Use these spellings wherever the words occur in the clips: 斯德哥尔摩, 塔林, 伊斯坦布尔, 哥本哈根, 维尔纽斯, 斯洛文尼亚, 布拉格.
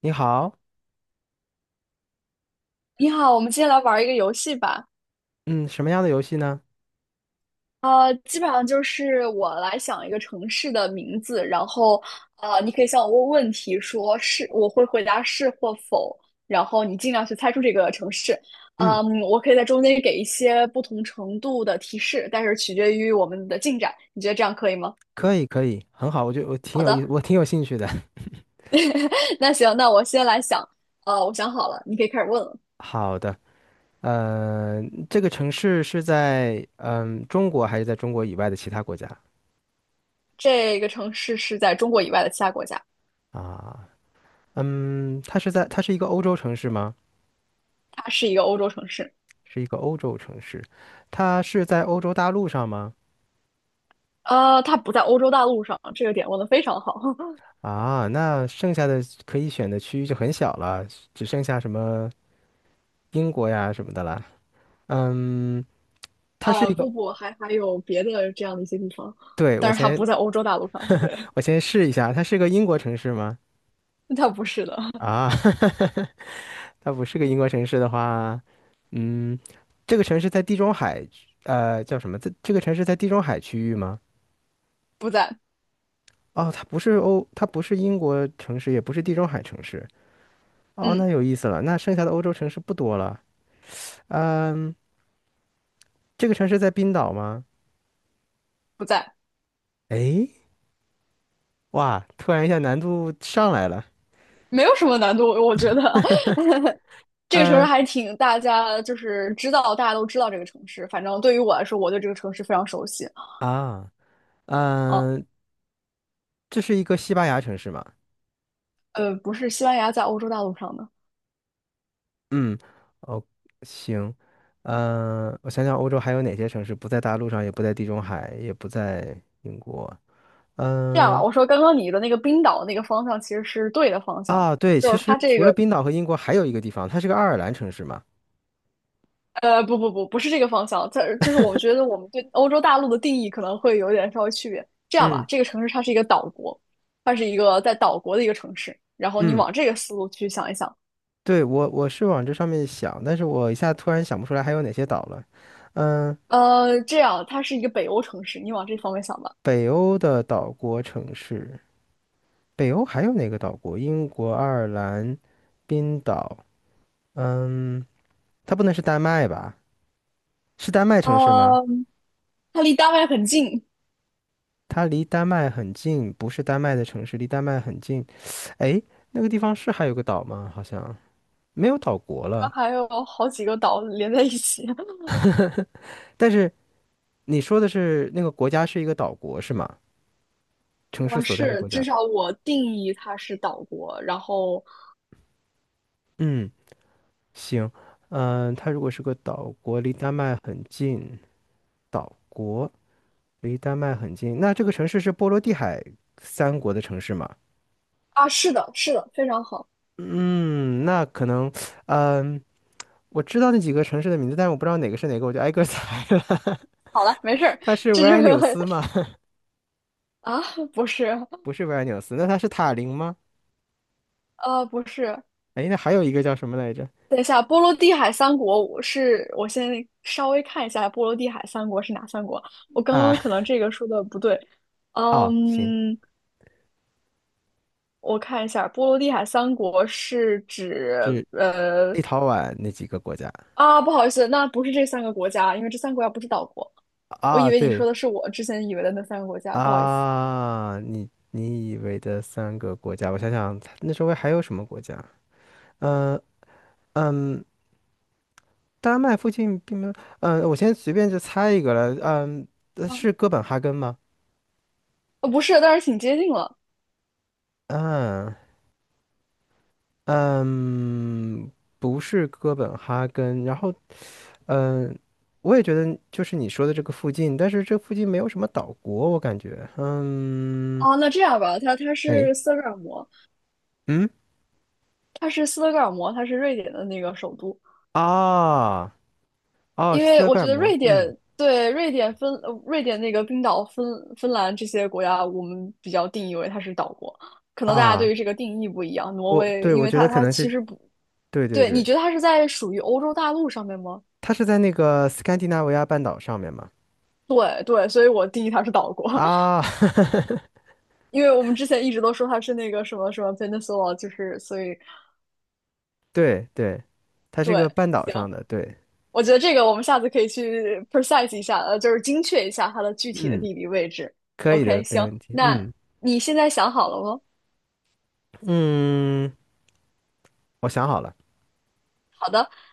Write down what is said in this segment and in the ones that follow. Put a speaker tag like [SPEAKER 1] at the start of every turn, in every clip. [SPEAKER 1] 你好，
[SPEAKER 2] 你好，我们今天来玩一个游戏吧。
[SPEAKER 1] 嗯，什么样的游戏呢？
[SPEAKER 2] 基本上就是我来想一个城市的名字，然后你可以向我问问题，说是，我会回答是或否，然后你尽量去猜出这个城市。
[SPEAKER 1] 嗯，
[SPEAKER 2] 嗯，我可以在中间给一些不同程度的提示，但是取决于我们的进展。你觉得这样可以吗？
[SPEAKER 1] 可以，可以，很好，我挺
[SPEAKER 2] 好
[SPEAKER 1] 有意思，
[SPEAKER 2] 的，
[SPEAKER 1] 我挺有兴趣的。
[SPEAKER 2] 那行，那我先来想。我想好了，你可以开始问了。
[SPEAKER 1] 好的，呃，这个城市是在中国还是在中国以外的其他国家
[SPEAKER 2] 这个城市是在中国以外的其他国家，
[SPEAKER 1] 啊？嗯，它是一个欧洲城市吗？
[SPEAKER 2] 它是一个欧洲城市。
[SPEAKER 1] 是一个欧洲城市，它是在欧洲大陆上吗？
[SPEAKER 2] 它不在欧洲大陆上，这个点问的非常好。
[SPEAKER 1] 啊，那剩下的可以选的区域就很小了，只剩下什么英国呀什么的了。嗯，它是
[SPEAKER 2] 呃，
[SPEAKER 1] 一个，
[SPEAKER 2] 不不，还有别的这样的一些地方，
[SPEAKER 1] 对，我
[SPEAKER 2] 但是它不
[SPEAKER 1] 先
[SPEAKER 2] 在欧洲大陆上。对，
[SPEAKER 1] 我先试一下，它是个英国城市吗？
[SPEAKER 2] 它不是的，
[SPEAKER 1] 啊，它不是个英国城市的话，嗯，这个城市在地中海，呃，叫什么？这个城市在地中海区域吗？
[SPEAKER 2] 不在，
[SPEAKER 1] 哦，它不是英国城市，也不是地中海城市。哦，那
[SPEAKER 2] 嗯，
[SPEAKER 1] 有意思了，那剩下的欧洲城市不多了。嗯，这个城市在冰岛吗？
[SPEAKER 2] 不在，
[SPEAKER 1] 诶，哇，突然一下难度上来了。
[SPEAKER 2] 没有什么难度，我觉得 这个城市
[SPEAKER 1] 嗯
[SPEAKER 2] 还挺大家就是知道，大家都知道这个城市。反正对于我来说，我对这个城市非常熟悉。
[SPEAKER 1] 啊，
[SPEAKER 2] 啊，
[SPEAKER 1] 嗯，这是一个西班牙城市吗？
[SPEAKER 2] 不是西班牙在欧洲大陆上的。
[SPEAKER 1] 嗯，哦，行，我想想，欧洲还有哪些城市不在大陆上，也不在地中海，也不在英国？
[SPEAKER 2] 这样吧，
[SPEAKER 1] 嗯、
[SPEAKER 2] 我说刚刚你的那个冰岛那个方向其实是对的方向，
[SPEAKER 1] 啊，对，
[SPEAKER 2] 就
[SPEAKER 1] 其
[SPEAKER 2] 是它
[SPEAKER 1] 实
[SPEAKER 2] 这
[SPEAKER 1] 除了
[SPEAKER 2] 个
[SPEAKER 1] 冰岛和英国，还有一个地方，它是个爱尔兰城市嘛。
[SPEAKER 2] 不是这个方向。它就是我觉得我们对欧洲大陆的定义可能会有点稍微区别。这样吧，
[SPEAKER 1] 嗯
[SPEAKER 2] 这个城市它是一个岛国，它是一个在岛国的一个城市。然后你
[SPEAKER 1] 嗯，
[SPEAKER 2] 往这个思路去想一想，
[SPEAKER 1] 对，我是往这上面想，但是我一下突然想不出来还有哪些岛了。嗯、
[SPEAKER 2] 这样它是一个北欧城市，你往这方面想吧。
[SPEAKER 1] 北欧的岛国城市，北欧还有哪个岛国？英国、爱尔兰、冰岛。嗯，它不能是丹麦吧？是丹麦城市吗？
[SPEAKER 2] 呃，它离丹麦很近，
[SPEAKER 1] 它离丹麦很近，不是丹麦的城市，离丹麦很近。哎，那个地方是还有个岛吗？好像没有岛国
[SPEAKER 2] 它
[SPEAKER 1] 了。
[SPEAKER 2] 还有好几个岛连在一起。
[SPEAKER 1] 但是你说的是那个国家是一个岛国是吗？城市所在的
[SPEAKER 2] 是，
[SPEAKER 1] 国
[SPEAKER 2] 至
[SPEAKER 1] 家。
[SPEAKER 2] 少我定义它是岛国。然后
[SPEAKER 1] 嗯，行，它如果是个岛国，离丹麦很近，岛国那这个城市是波罗的海三国的城市吗？
[SPEAKER 2] 啊，是的，是的，非常好。
[SPEAKER 1] 嗯，那可能，嗯、我知道那几个城市的名字，但是我不知道哪个是哪个，我就挨个 猜了。
[SPEAKER 2] 好了，没事儿，
[SPEAKER 1] 它是
[SPEAKER 2] 这
[SPEAKER 1] 维
[SPEAKER 2] 就
[SPEAKER 1] 尔
[SPEAKER 2] 是
[SPEAKER 1] 纽斯吗？
[SPEAKER 2] 啊，不是。
[SPEAKER 1] 不是维尔纽斯，那他是塔林吗？
[SPEAKER 2] 呃，不是，
[SPEAKER 1] 哎，那还有一个叫什么来着？
[SPEAKER 2] 等一下，波罗的海三国，我先稍微看一下波罗的海三国是哪三国。我刚刚
[SPEAKER 1] 啊，
[SPEAKER 2] 可能这个说的不对，
[SPEAKER 1] 哦，行，
[SPEAKER 2] 嗯，我看一下，波罗的海三国是指
[SPEAKER 1] 是
[SPEAKER 2] 呃
[SPEAKER 1] 立陶宛那几个国家。
[SPEAKER 2] 啊，不好意思，那不是这三个国家，因为这三个国家不是岛国。我以
[SPEAKER 1] 啊，
[SPEAKER 2] 为你
[SPEAKER 1] 对，
[SPEAKER 2] 说的是我之前以为的那三个国家，不好意思，
[SPEAKER 1] 啊，你以为的三个国家，我想想，那周围还有什么国家？嗯，丹麦附近并没有，我先随便就猜一个了，
[SPEAKER 2] 啊，
[SPEAKER 1] 是哥本哈根吗？
[SPEAKER 2] 不是，但是挺接近了。
[SPEAKER 1] 嗯嗯，不是哥本哈根，然后嗯，我也觉得就是你说的这个附近，但是这附近没有什么岛国，我感觉。嗯，
[SPEAKER 2] 啊。那这样吧，它
[SPEAKER 1] 哎，
[SPEAKER 2] 是斯德哥尔摩，
[SPEAKER 1] 嗯，
[SPEAKER 2] 它是斯德哥尔摩，它是瑞典的那个首都。
[SPEAKER 1] 啊，哦，
[SPEAKER 2] 因
[SPEAKER 1] 是斯
[SPEAKER 2] 为
[SPEAKER 1] 德
[SPEAKER 2] 我
[SPEAKER 1] 哥
[SPEAKER 2] 觉
[SPEAKER 1] 尔
[SPEAKER 2] 得
[SPEAKER 1] 摩。
[SPEAKER 2] 瑞
[SPEAKER 1] 嗯，
[SPEAKER 2] 典对瑞典芬呃瑞典那个冰岛、芬兰这些国家，我们比较定义为它是岛国，可能大家
[SPEAKER 1] 啊，
[SPEAKER 2] 对于这个定义不一样。挪威，因
[SPEAKER 1] 我
[SPEAKER 2] 为
[SPEAKER 1] 觉
[SPEAKER 2] 它
[SPEAKER 1] 得可
[SPEAKER 2] 它
[SPEAKER 1] 能
[SPEAKER 2] 其
[SPEAKER 1] 是
[SPEAKER 2] 实不
[SPEAKER 1] 对对
[SPEAKER 2] 对，你
[SPEAKER 1] 对，
[SPEAKER 2] 觉得它是在属于欧洲大陆上面吗？
[SPEAKER 1] 它是在那个斯堪的纳维亚半岛上面嘛。
[SPEAKER 2] 对对，所以我定义它是岛国，
[SPEAKER 1] 啊，
[SPEAKER 2] 因为我们之前一直都说它是那个什么什么 peninsula，就是所以
[SPEAKER 1] 对对，它是一
[SPEAKER 2] 对，
[SPEAKER 1] 个半岛
[SPEAKER 2] 行，
[SPEAKER 1] 上的，对，
[SPEAKER 2] 我觉得这个我们下次可以去 precise 一下，就是精确一下它的具体的
[SPEAKER 1] 嗯，
[SPEAKER 2] 地理位置。
[SPEAKER 1] 可以
[SPEAKER 2] OK，
[SPEAKER 1] 的，没
[SPEAKER 2] 行，
[SPEAKER 1] 问题。
[SPEAKER 2] 那
[SPEAKER 1] 嗯
[SPEAKER 2] 你现在想好了吗？
[SPEAKER 1] 嗯，我想好了，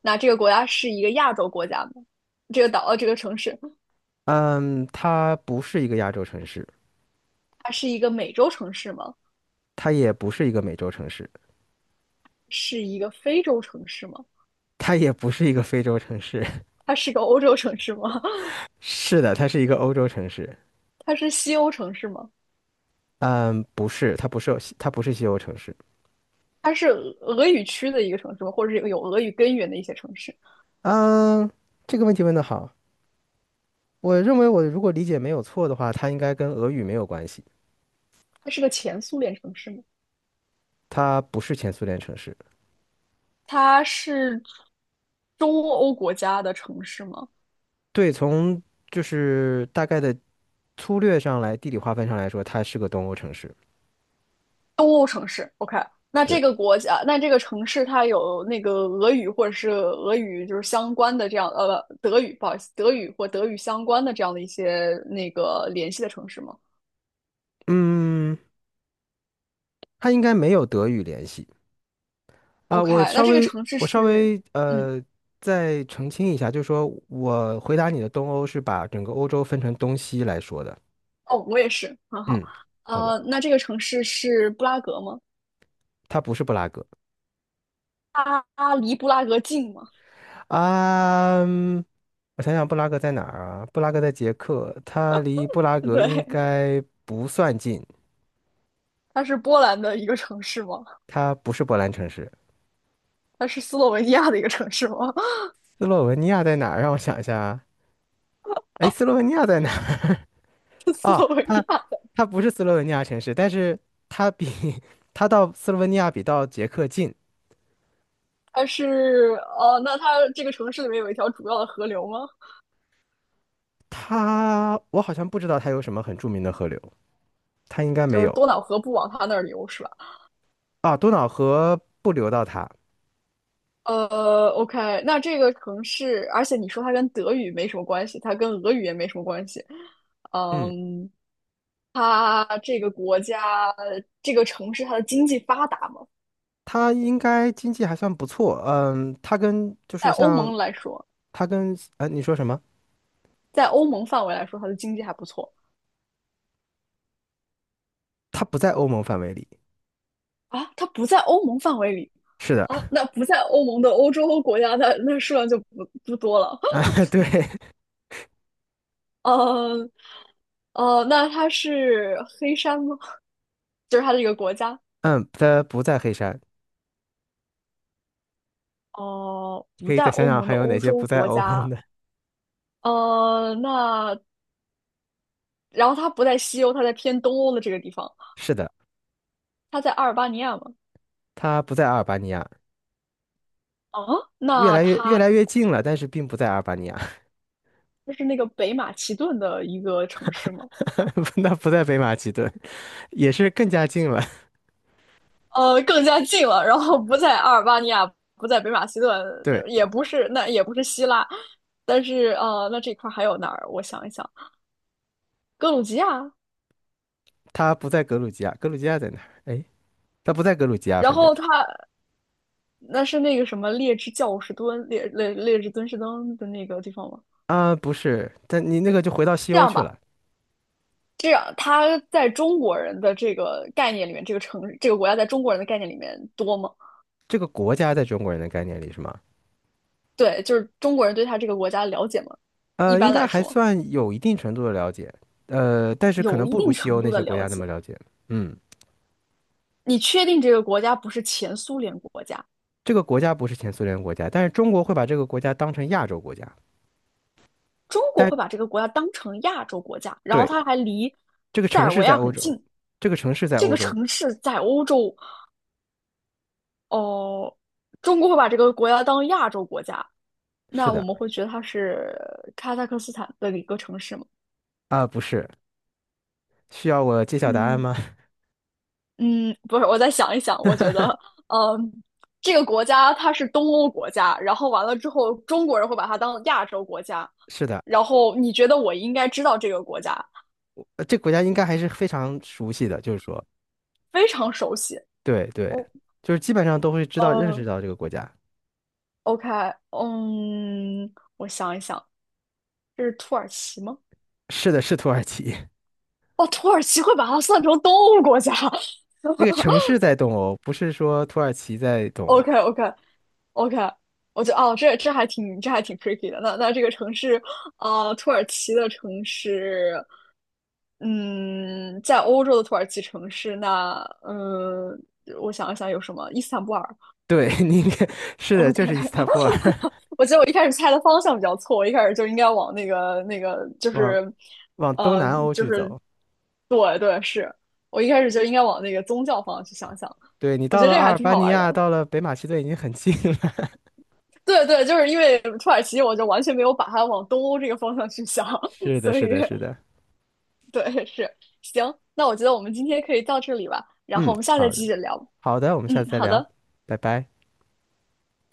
[SPEAKER 2] 那这个国家是一个亚洲国家吗？这个岛，这个城市，
[SPEAKER 1] 嗯，它不是一个亚洲城市，
[SPEAKER 2] 它是一个美洲城市吗？
[SPEAKER 1] 它也不是一个美洲城市。
[SPEAKER 2] 是一个非洲城市吗？
[SPEAKER 1] 它也不是一个非洲城市，
[SPEAKER 2] 它是个欧洲城市吗？
[SPEAKER 1] 是的，它是一个欧洲城市。
[SPEAKER 2] 它是西欧城市吗？
[SPEAKER 1] 嗯，不是，它不是西欧城市。
[SPEAKER 2] 它是俄语区的一个城市吗？或者是有俄语根源的一些城市？
[SPEAKER 1] 嗯，这个问题问得好，我认为我如果理解没有错的话，它应该跟俄语没有关系，
[SPEAKER 2] 它是个前苏联城市吗？
[SPEAKER 1] 它不是前苏联城市。
[SPEAKER 2] 它是中欧国家的城市吗？
[SPEAKER 1] 对，从就是大概的粗略上来，地理划分上来说，它是个东欧城市。
[SPEAKER 2] 东欧城市，OK，那这
[SPEAKER 1] 对，
[SPEAKER 2] 个国家，那这个城市它有那个俄语或者是俄语就是相关的这样，德语，不好意思，德语或德语相关的这样的一些那个联系的城市吗
[SPEAKER 1] 嗯，它应该没有德语联系。啊，
[SPEAKER 2] ？OK，
[SPEAKER 1] 我
[SPEAKER 2] 那
[SPEAKER 1] 稍
[SPEAKER 2] 这个
[SPEAKER 1] 微
[SPEAKER 2] 城市
[SPEAKER 1] 我稍
[SPEAKER 2] 是，
[SPEAKER 1] 微
[SPEAKER 2] 嗯，
[SPEAKER 1] 呃再澄清一下，就是说我回答你的东欧是把整个欧洲分成东西来说的。
[SPEAKER 2] 哦，我也是，很好，
[SPEAKER 1] 嗯，好的，
[SPEAKER 2] 那这个城市是布拉格吗？
[SPEAKER 1] 它不是布拉格
[SPEAKER 2] 它离布拉格近吗？
[SPEAKER 1] 啊。嗯我想想，布拉格在哪儿啊？布拉格在捷克，它离布拉 格应
[SPEAKER 2] 对，
[SPEAKER 1] 该不算近，
[SPEAKER 2] 它是波兰的一个城市吗？
[SPEAKER 1] 它不是波兰城市。
[SPEAKER 2] 它是斯洛文尼亚的一个城市吗？
[SPEAKER 1] 斯洛文尼亚在哪儿？让我想一下啊，哎，斯洛文尼亚在哪儿？
[SPEAKER 2] 斯
[SPEAKER 1] 哦，
[SPEAKER 2] 洛文
[SPEAKER 1] 它
[SPEAKER 2] 尼亚。
[SPEAKER 1] 它不是斯洛文尼亚城市，但是它比 它到斯洛文尼亚比到捷克近。
[SPEAKER 2] 它是哦，那它这个城市里面有一条主要的河流吗？
[SPEAKER 1] 它我好像不知道它有什么很著名的河流，它应该
[SPEAKER 2] 就
[SPEAKER 1] 没
[SPEAKER 2] 是
[SPEAKER 1] 有
[SPEAKER 2] 多瑙河不往它那儿流是吧？
[SPEAKER 1] 啊。多瑙河不流到它，
[SPEAKER 2] OK，那这个城市，而且你说它跟德语没什么关系，它跟俄语也没什么关系。
[SPEAKER 1] 嗯，
[SPEAKER 2] 嗯，它这个国家，这个城市，它的经济发达吗？
[SPEAKER 1] 它应该经济还算不错，嗯，它跟就
[SPEAKER 2] 在
[SPEAKER 1] 是
[SPEAKER 2] 欧
[SPEAKER 1] 像
[SPEAKER 2] 盟来说，
[SPEAKER 1] 它跟呃你说什么？
[SPEAKER 2] 在欧盟范围来说，它的经济还不错
[SPEAKER 1] 它不在欧盟范围里，
[SPEAKER 2] 啊。它不在欧盟范围里
[SPEAKER 1] 是的，
[SPEAKER 2] 啊，那不在欧盟的欧洲国家，那那数量就不多了。
[SPEAKER 1] 啊，对，
[SPEAKER 2] 呃，那它是黑山吗？就是它这个国家，
[SPEAKER 1] 嗯，它不在黑山，
[SPEAKER 2] 哦、不
[SPEAKER 1] 可以
[SPEAKER 2] 在
[SPEAKER 1] 再想
[SPEAKER 2] 欧
[SPEAKER 1] 想
[SPEAKER 2] 盟
[SPEAKER 1] 还
[SPEAKER 2] 的
[SPEAKER 1] 有哪
[SPEAKER 2] 欧
[SPEAKER 1] 些
[SPEAKER 2] 洲
[SPEAKER 1] 不在
[SPEAKER 2] 国
[SPEAKER 1] 欧盟
[SPEAKER 2] 家，
[SPEAKER 1] 的，
[SPEAKER 2] 那然后它不在西欧，它在偏东欧的这个地方，
[SPEAKER 1] 是的，
[SPEAKER 2] 它在阿尔巴尼亚吗？
[SPEAKER 1] 它不在阿尔巴尼亚。
[SPEAKER 2] 啊，那
[SPEAKER 1] 越
[SPEAKER 2] 它
[SPEAKER 1] 来越近了，但是并不在阿尔巴尼亚，
[SPEAKER 2] 就是那个北马其顿的一个城市吗？
[SPEAKER 1] 那不在北马其顿，也是更加近了。
[SPEAKER 2] 更加近了，然后不在阿尔巴尼亚，不在北马其顿，
[SPEAKER 1] 对，
[SPEAKER 2] 也不是，那也不是希腊，但是那这块儿还有哪儿？我想一想，格鲁吉亚，
[SPEAKER 1] 他不在格鲁吉亚，格鲁吉亚在哪儿？哎，他不在格鲁吉亚，
[SPEAKER 2] 然
[SPEAKER 1] 反正
[SPEAKER 2] 后它。那是那个什么劣质教士敦劣劣劣质敦士登的那个地方吗？
[SPEAKER 1] 啊，不是，但你那个就回到西
[SPEAKER 2] 这
[SPEAKER 1] 欧
[SPEAKER 2] 样
[SPEAKER 1] 去
[SPEAKER 2] 吧，
[SPEAKER 1] 了。
[SPEAKER 2] 这样他在中国人的这个概念里面，这个城这个国家在中国人的概念里面多吗？
[SPEAKER 1] 这个国家在中国人的概念里是吗？
[SPEAKER 2] 对，就是中国人对他这个国家了解吗？一
[SPEAKER 1] 呃，应
[SPEAKER 2] 般
[SPEAKER 1] 该
[SPEAKER 2] 来
[SPEAKER 1] 还
[SPEAKER 2] 说，
[SPEAKER 1] 算有一定程度的了解，呃，但是可
[SPEAKER 2] 有
[SPEAKER 1] 能
[SPEAKER 2] 一
[SPEAKER 1] 不如
[SPEAKER 2] 定
[SPEAKER 1] 西
[SPEAKER 2] 程
[SPEAKER 1] 欧
[SPEAKER 2] 度
[SPEAKER 1] 那
[SPEAKER 2] 的
[SPEAKER 1] 些国
[SPEAKER 2] 了
[SPEAKER 1] 家那
[SPEAKER 2] 解。
[SPEAKER 1] 么了解。嗯，
[SPEAKER 2] 你确定这个国家不是前苏联国家？
[SPEAKER 1] 这个国家不是前苏联国家，但是中国会把这个国家当成亚洲国家。
[SPEAKER 2] 中国
[SPEAKER 1] 但
[SPEAKER 2] 会把这个国家当成亚洲国家，然后
[SPEAKER 1] 对，
[SPEAKER 2] 它还离
[SPEAKER 1] 这个
[SPEAKER 2] 塞
[SPEAKER 1] 城
[SPEAKER 2] 尔
[SPEAKER 1] 市
[SPEAKER 2] 维
[SPEAKER 1] 在
[SPEAKER 2] 亚
[SPEAKER 1] 欧
[SPEAKER 2] 很
[SPEAKER 1] 洲，
[SPEAKER 2] 近。
[SPEAKER 1] 这个城市在
[SPEAKER 2] 这
[SPEAKER 1] 欧
[SPEAKER 2] 个
[SPEAKER 1] 洲，
[SPEAKER 2] 城市在欧洲哦，中国会把这个国家当亚洲国家，
[SPEAKER 1] 是
[SPEAKER 2] 那我
[SPEAKER 1] 的，
[SPEAKER 2] 们会觉得它是哈萨克斯坦的一个城市吗？
[SPEAKER 1] 啊，不是，需要我揭晓答案
[SPEAKER 2] 嗯
[SPEAKER 1] 吗？
[SPEAKER 2] 嗯，不是，我再想一想，我觉得，嗯，这个国家它是东欧国家，然后完了之后，中国人会把它当亚洲国家，
[SPEAKER 1] 是的，
[SPEAKER 2] 然后你觉得我应该知道这个国家，
[SPEAKER 1] 这个国家应该还是非常熟悉的，就是说。
[SPEAKER 2] 非常熟悉。
[SPEAKER 1] 对对，
[SPEAKER 2] 哦，
[SPEAKER 1] 就是基本上都会知道认识
[SPEAKER 2] 呃
[SPEAKER 1] 到这个国家。
[SPEAKER 2] ，OK，嗯，我想一想，这是土耳其吗？
[SPEAKER 1] 是的，是土耳其，
[SPEAKER 2] 哦，土耳其会把它算成东欧国家，
[SPEAKER 1] 那个城市在东欧，不是说土耳其在东欧。
[SPEAKER 2] OK OK OK，我觉得哦，这还挺 tricky 的。那那这个城市，土耳其的城市，嗯，在欧洲的土耳其城市，那嗯，我想一想有什么？伊斯坦布尔。
[SPEAKER 1] 对，你应该是的，就
[SPEAKER 2] OK，
[SPEAKER 1] 是伊斯坦布尔，
[SPEAKER 2] 我觉得我一开始猜的方向比较错，我一开始就应该往那个就
[SPEAKER 1] 往
[SPEAKER 2] 是，
[SPEAKER 1] 往东
[SPEAKER 2] 呃，
[SPEAKER 1] 南欧
[SPEAKER 2] 就
[SPEAKER 1] 去
[SPEAKER 2] 是
[SPEAKER 1] 走。
[SPEAKER 2] 对对，是我一开始就应该往那个宗教方向去想想。
[SPEAKER 1] 对，你
[SPEAKER 2] 我
[SPEAKER 1] 到
[SPEAKER 2] 觉得
[SPEAKER 1] 了
[SPEAKER 2] 这个
[SPEAKER 1] 阿
[SPEAKER 2] 还
[SPEAKER 1] 尔
[SPEAKER 2] 挺
[SPEAKER 1] 巴
[SPEAKER 2] 好
[SPEAKER 1] 尼
[SPEAKER 2] 玩
[SPEAKER 1] 亚，
[SPEAKER 2] 的。
[SPEAKER 1] 到了北马其顿已经很近了。
[SPEAKER 2] 对对，就是因为土耳其，我就完全没有把它往东欧这个方向去想，
[SPEAKER 1] 是的，
[SPEAKER 2] 所
[SPEAKER 1] 是
[SPEAKER 2] 以
[SPEAKER 1] 的，是的。
[SPEAKER 2] 对，是，行，那我觉得我们今天可以到这里吧，然后
[SPEAKER 1] 嗯，
[SPEAKER 2] 我们下次再
[SPEAKER 1] 好的，
[SPEAKER 2] 继续聊。
[SPEAKER 1] 好的，我们下
[SPEAKER 2] 嗯，
[SPEAKER 1] 次再
[SPEAKER 2] 好
[SPEAKER 1] 聊，
[SPEAKER 2] 的。
[SPEAKER 1] 拜拜。